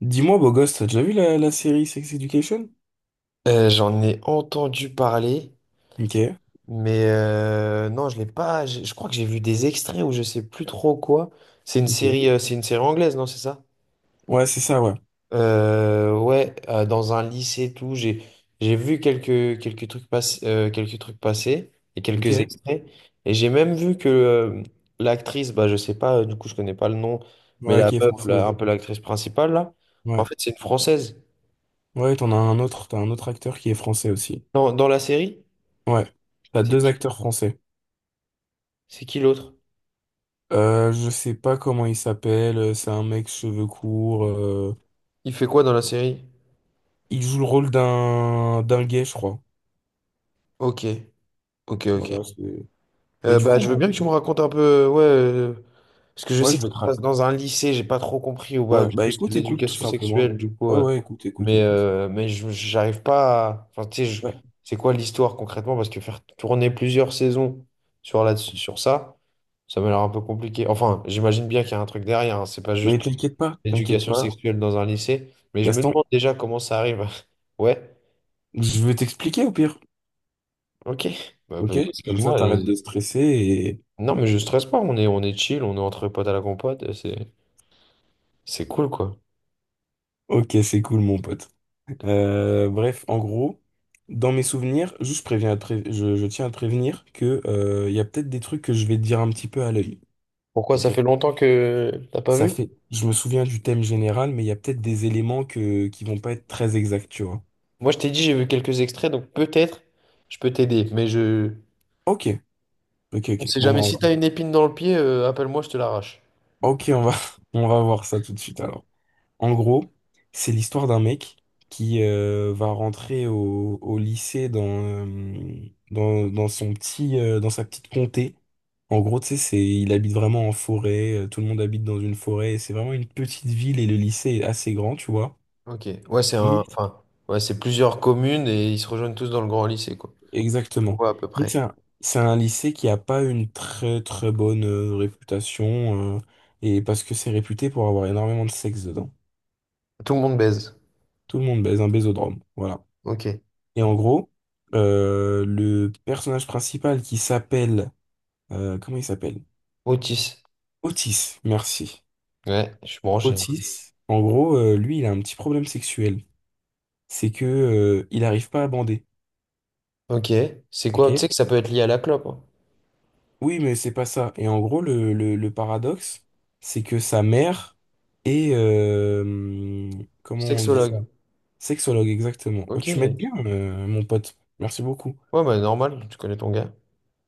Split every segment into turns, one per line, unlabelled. Dis-moi, beau gosse, t'as déjà vu la série Sex Education?
J'en ai entendu parler,
Ok,
mais non, je l'ai pas. Je crois que j'ai vu des extraits ou je sais plus trop quoi.
ok.
C'est une série anglaise, non, c'est ça?
Ouais, c'est ça, ouais.
Ouais, dans un lycée, et tout. J'ai vu quelques trucs passer, quelques trucs passer et
Ok.
quelques extraits. Et j'ai même vu que l'actrice, bah, je sais pas, du coup, je connais pas le nom, mais
Ouais,
la
qui est
meuf,
française.
là, un peu l'actrice principale là, en
Ouais.
fait, c'est une Française.
Ouais, t'as un autre acteur qui est français aussi.
Dans la série,
Ouais. T'as
c'est
deux
qui?
acteurs français.
C'est qui l'autre?
Je sais pas comment il s'appelle, c'est un mec cheveux courts.
Il fait quoi dans la série?
Il joue le rôle d'un gay, je crois.
Ok, ok, ok.
Voilà, Mais du
Bah,
coup,
je veux bien que tu me racontes un peu, ouais, parce que je
ouais,
sais
je
que
veux
ça
te...
se passe dans un lycée, j'ai pas trop compris, ou bah,
Ouais,
du
bah
coup, c'est de
écoute, écoute, tout
l'éducation sexuelle,
simplement.
du coup,
Ouais, ouais, écoute, écoute, écoute.
mais j'arrive pas à... Enfin, tu sais,
Ouais.
c'est quoi l'histoire concrètement? Parce que faire tourner plusieurs saisons sur, là, sur ça, ça m'a l'air un peu compliqué. Enfin, j'imagine bien qu'il y a un truc derrière, hein, c'est pas
Mais
juste
t'inquiète pas, t'inquiète
l'éducation
pas.
sexuelle dans un lycée, mais je me
Gaston,
demande déjà comment ça arrive. Ouais,
je vais t'expliquer au pire.
ok. Bah,
Ok, comme ça
excuse-moi.
t'arrêtes de stresser et
Non, mais je stresse pas, on est chill, on est entre potes à la compote, c'est cool quoi.
ok, c'est cool mon pote. Bref, en gros, dans mes souvenirs, juste je tiens à te prévenir que il y a peut-être des trucs que je vais te dire un petit peu à l'œil.
Pourquoi ça
Ok.
fait longtemps que t'as pas
Ça
vu?
fait, je me souviens du thème général, mais il y a peut-être des éléments que qui vont pas être très exacts, tu vois.
Moi je t'ai dit j'ai vu quelques extraits, donc peut-être je peux t'aider, mais je...
Ok, ok,
On
ok.
sait
Bon, bah,
jamais, si t'as une épine dans le pied, appelle-moi, je te l'arrache.
ok, on va voir ça tout de suite alors. En gros, c'est l'histoire d'un mec qui va rentrer au lycée dans sa petite comté. En gros, tu sais, il habite vraiment en forêt, tout le monde habite dans une forêt, et c'est vraiment une petite ville et le lycée est assez grand, tu vois.
Ok, ouais c'est un...
Mais-
Enfin, ouais c'est plusieurs communes et ils se rejoignent tous dans le grand lycée quoi. Je
Exactement.
vois à peu
Mais
près.
c'est un lycée qui a pas une très très bonne réputation, et parce que c'est réputé pour avoir énormément de sexe dedans.
Tout le monde baise.
Tout le monde baise un baisodrome, voilà.
Ok.
Et en gros, le personnage principal qui s'appelle... comment il s'appelle?
Otis.
Otis, merci.
Ouais, je suis branché.
Otis, en gros, lui, il a un petit problème sexuel. C'est que, il n'arrive pas à bander.
Ok, c'est quoi? Tu
Ok?
sais que ça peut être lié à la clope, hein.
Oui, mais c'est pas ça. Et en gros, le paradoxe, c'est que sa mère est... comment on dit ça?
Sexologue.
Sexologue, exactement. Oh,
Ok.
tu m'aides
Ouais,
bien, mon pote. Merci beaucoup.
bah normal, tu connais ton gars.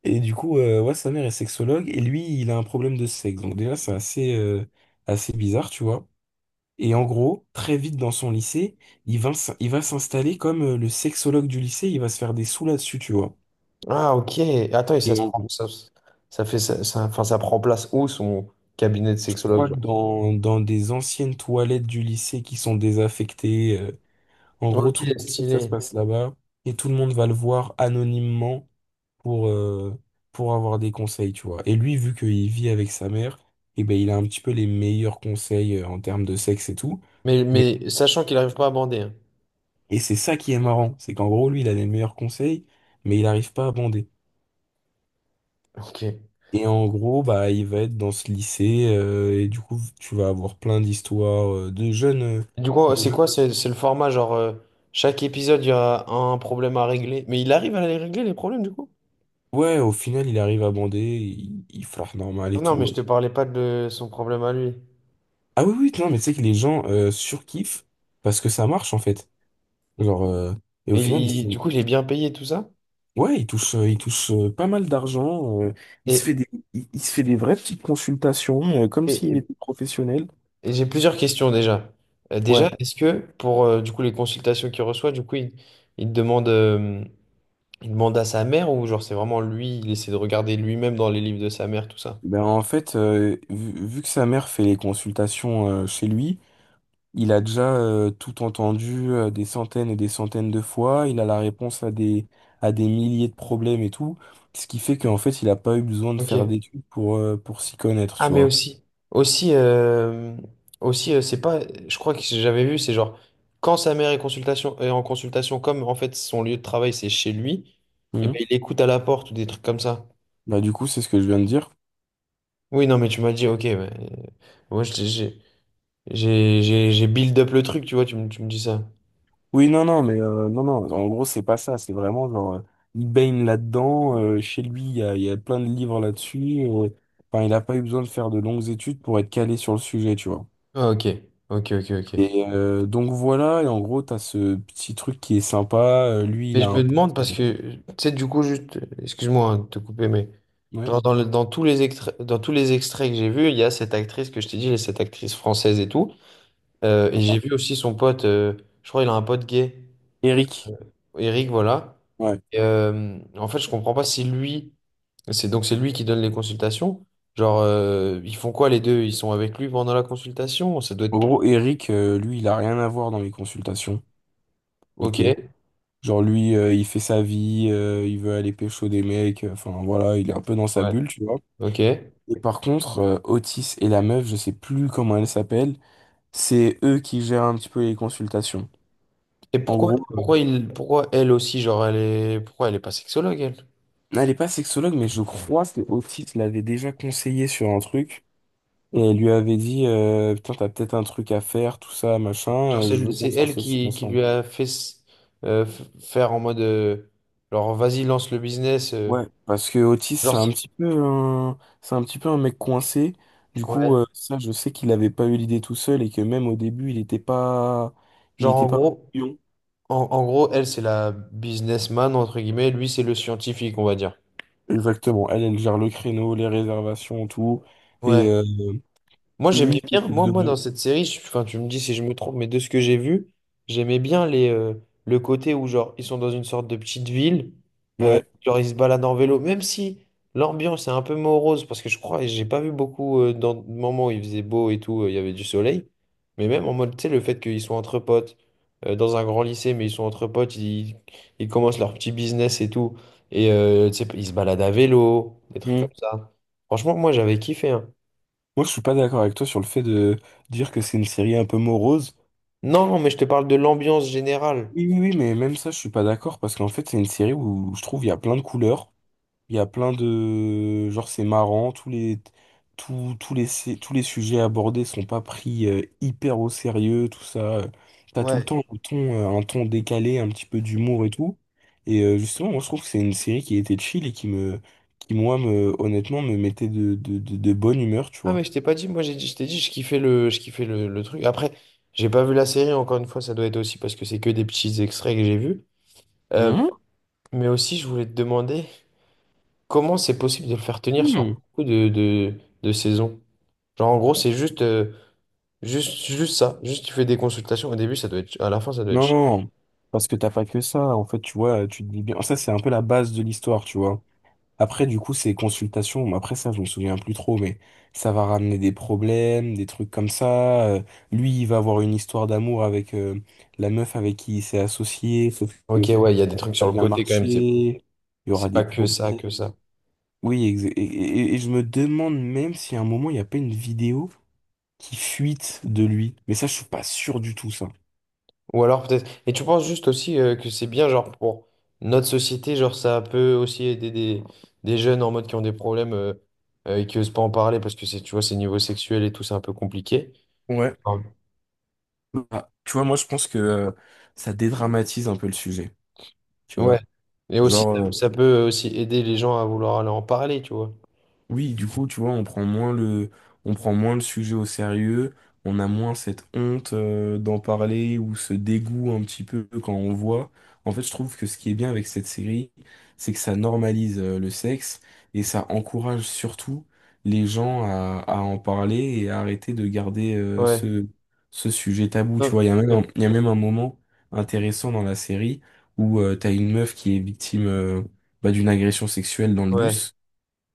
Et du coup, ouais, sa mère est sexologue et lui, il a un problème de sexe. Donc déjà, c'est assez bizarre, tu vois. Et en gros, très vite dans son lycée, il va s'installer comme le sexologue du lycée, il va se faire des sous là-dessus, tu vois.
Ah, ok. Attends, et ça
Et
se
en
prend.
gros,
Ça fait ça, enfin, ça prend place où son cabinet de
je
sexologue,
crois
genre?
que dans des anciennes toilettes du lycée qui sont désaffectées, en gros,
Ok,
tout le monde sait que ça se
stylé.
passe là-bas et tout le monde va le voir anonymement. pour, euh, pour avoir des conseils, tu vois. Et lui, vu qu'il vit avec sa mère, eh ben, il a un petit peu les meilleurs conseils en termes de sexe et tout. Mais,
Mais sachant qu'il n'arrive pas à bander. Hein.
et c'est ça qui est marrant, c'est qu'en gros, lui, il a les meilleurs conseils, mais il n'arrive pas à bander.
Ok.
Et en gros, bah, il va être dans ce lycée, et du coup, tu vas avoir plein d'histoires euh, de jeunes, euh,
Du coup,
de
c'est
jeunes-
quoi? C'est le format, genre, chaque épisode, il y a un problème à régler. Mais il arrive à les régler, les problèmes, du coup?
Ouais, au final, il arrive à bander, il flirte normal
Ah
et
non,
tout.
mais je
Ouais.
te parlais pas de son problème à lui.
Ah oui, oui, non, mais tu sais que les gens surkiffent parce que ça marche, en fait. Genre, et au
Et
final, ils se...
du coup, il est bien payé, tout ça.
Ouais, il touche pas mal d'argent. Il se fait
Et,
des, il se fait des vraies petites consultations, comme
et-
s'il
et-
était professionnel.
et j'ai plusieurs questions déjà. Déjà,
Ouais.
est-ce que pour du coup les consultations qu'il reçoit, du coup, il te demande. Il demande à sa mère ou genre c'est vraiment lui, il essaie de regarder lui-même dans les livres de sa mère, tout ça.
Ben en fait, vu que sa mère fait les consultations chez lui, il a déjà tout entendu des centaines et des centaines de fois. Il a la réponse à des milliers de problèmes et tout. Ce qui fait qu'en fait, il a pas eu besoin de faire
Ok.
d'études pour s'y connaître,
Ah
tu
mais
vois.
aussi, aussi, aussi c'est pas, je crois que j'avais vu, c'est genre quand sa mère est, consultation, est en consultation, comme en fait son lieu de travail c'est chez lui, et
Mhm.
ben il écoute à la porte ou des trucs comme ça.
Bah, du coup, c'est ce que je viens de dire.
Oui non mais tu m'as dit ok, ouais, moi j'ai build up le truc, tu vois, tu me dis ça.
Oui, non, non, mais non, non, en gros, c'est pas ça. C'est vraiment genre, il baigne là-dedans. Chez lui, il y a plein de livres là-dessus. Enfin, il n'a pas eu besoin de faire de longues études pour être calé sur le sujet, tu vois.
Ah, ok, ok.
Et donc voilà, et en gros, t'as ce petit truc qui est sympa. Lui,
Mais
il a
je me
un pote,
demande parce que, tu sais, du coup, juste, excuse-moi hein, de te couper, mais
ouais.
genre dans, dans tous les extraits, que j'ai vus, il y a cette actrice que je t'ai dit, cette actrice française et tout. Et
Ouais.
j'ai
Enfin,
vu aussi son pote, je crois il a un pote gay,
Eric.
Eric, voilà.
Ouais.
Et, en fait, je comprends pas si lui, c'est lui qui donne les consultations. Genre, ils font quoi les deux? Ils sont avec lui pendant la consultation? Ça doit être
En
plus.
gros, Eric, lui, il a rien à voir dans les consultations.
Ok,
Ok. Genre, lui, il fait sa vie, il veut aller pécho des mecs. Enfin, voilà, il est un peu dans sa
ouais,
bulle, tu vois.
ok.
Et par contre, Otis et la meuf, je sais plus comment elle s'appelle, c'est eux qui gèrent un petit peu les consultations.
Et
En
pourquoi,
gros,
pourquoi il, pourquoi elle aussi, genre, elle est, pourquoi elle est pas sexologue, elle?
elle est pas sexologue, mais je crois que Otis l'avait déjà conseillé sur un truc. Et elle lui avait dit, putain, t'as peut-être un truc à faire, tout ça,
Genre,
machin, je
c'est
veux qu'on
c'est elle
s'associe
qui lui
ensemble.
a fait faire en mode genre vas-y lance le business
Ouais, parce que Otis,
genre c'est-
c'est un petit peu un mec coincé. Du coup,
ouais
ça, je sais qu'il avait pas eu l'idée tout seul et que même au début, il était pas, il
genre
était
en
pas.
gros en gros elle c'est la businessman entre guillemets lui c'est le scientifique on va dire
Exactement. Elle, elle gère le créneau, les réservations, tout. Et
ouais. Moi, j'aimais
lui, il
bien,
s'occupe de moi.
dans cette série, enfin, tu me dis si je me trompe, mais de ce que j'ai vu, j'aimais bien les, le côté où, genre, ils sont dans une sorte de petite ville,
Ouais.
genre, ils se baladent en vélo, même si l'ambiance est un peu morose, parce que je crois, et j'ai pas vu beaucoup dans le moment où il faisait beau et tout, il y avait du soleil, mais même en mode, tu sais, le fait qu'ils soient entre potes, dans un grand lycée, mais ils sont entre potes, ils commencent leur petit business et tout, et tu sais, ils se baladent à vélo, des trucs comme
Mm.
ça. Franchement, moi, j'avais kiffé, hein.
Moi, je suis pas d'accord avec toi sur le fait de dire que c'est une série un peu morose.
Non, mais je te parle de l'ambiance générale.
Oui, oui, oui, mais même ça, je suis pas d'accord parce qu'en fait, c'est une série où je trouve il y a plein de couleurs. Il y a plein de... Genre, c'est marrant, tous les... Tous, tous les, sé- tous les sujets abordés sont pas pris hyper au sérieux, tout ça. T'as tout le
Ouais.
temps un ton décalé, un petit peu d'humour et tout. Et justement, moi, je trouve que c'est une série qui était chill et qui me... qui, moi, me... honnêtement, me mettait de bonne humeur, tu
Ah,
vois.
mais je t'ai pas dit, moi j'ai dit, je t'ai dit, je kiffais le truc. Après, j'ai pas vu la série, encore une fois, ça doit être aussi parce que c'est que des petits extraits que j'ai vus. Euh,
Hmm.
mais aussi, je voulais te demander comment c'est possible de le faire tenir sur
Hmm.
beaucoup de saisons. Genre, en gros, c'est juste, juste ça. Juste, tu fais des consultations. Au début, ça doit être, à la fin, ça doit être.
Non, parce que t'as pas que ça. En fait, tu vois, tu te dis bien... Ça, c'est un peu la base de l'histoire, tu vois. Après, du coup, ces consultations, bon, après ça, je me souviens plus trop, mais ça va ramener des problèmes, des trucs comme ça. Lui, il va avoir une histoire d'amour avec la meuf avec qui il s'est associé, sauf que
Ok,
ça
ouais, il y a des
va
trucs
pas
sur le
bien
côté quand même.
marcher, il y aura
C'est
des
pas que
problèmes.
ça,
Oui, et je me demande même si à un moment, il n'y a pas une vidéo qui fuite de lui. Mais ça, je suis pas sûr du tout, ça.
Ou alors peut-être. Et tu penses juste aussi que c'est bien, genre, pour notre société, genre, ça peut aussi aider des jeunes en mode qui ont des problèmes et qui osent pas en parler parce que c'est, tu vois, c'est niveau sexuel et tout, c'est un peu compliqué.
Ouais.
Ah.
Bah, tu vois, moi, je pense que ça dédramatise un peu le sujet, tu
Ouais.
vois.
Et aussi,
Genre...
ça peut aussi aider les gens à vouloir aller en parler, tu vois.
Oui, du coup, tu vois, on prend moins le sujet au sérieux, on a moins cette honte d'en parler ou ce dégoût un petit peu quand on voit. En fait, je trouve que ce qui est bien avec cette série, c'est que ça normalise le sexe et ça encourage surtout les gens à en parler et à arrêter de garder euh,
Ouais.
ce, ce sujet tabou. Tu
Non,
vois, il y a même un,
euh,
il y a même un moment intéressant dans la série où tu t'as une meuf qui est victime bah, d'une agression sexuelle dans le
Ouais.
bus.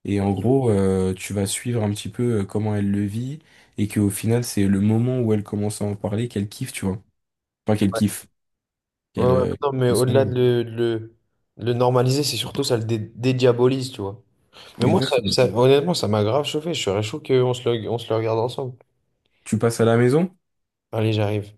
Et en
Ok.
gros, tu vas suivre un petit peu comment elle le vit et qu'au final, c'est le moment où elle commence à en parler qu'elle kiffe, tu vois. Enfin, qu'elle
Ouais.
kiffe.
Ouais,
Qu'elle,
ouais,
euh,
non, mais
qu'elle se rend
au-delà
compte.
de le normaliser, c'est surtout ça le dédiabolise, tu vois. Mais moi, ça,
Exactement.
honnêtement, ça m'a grave chauffé. Je serais chaud qu'on on se le regarde ensemble.
Tu passes à la maison?
Allez, j'arrive.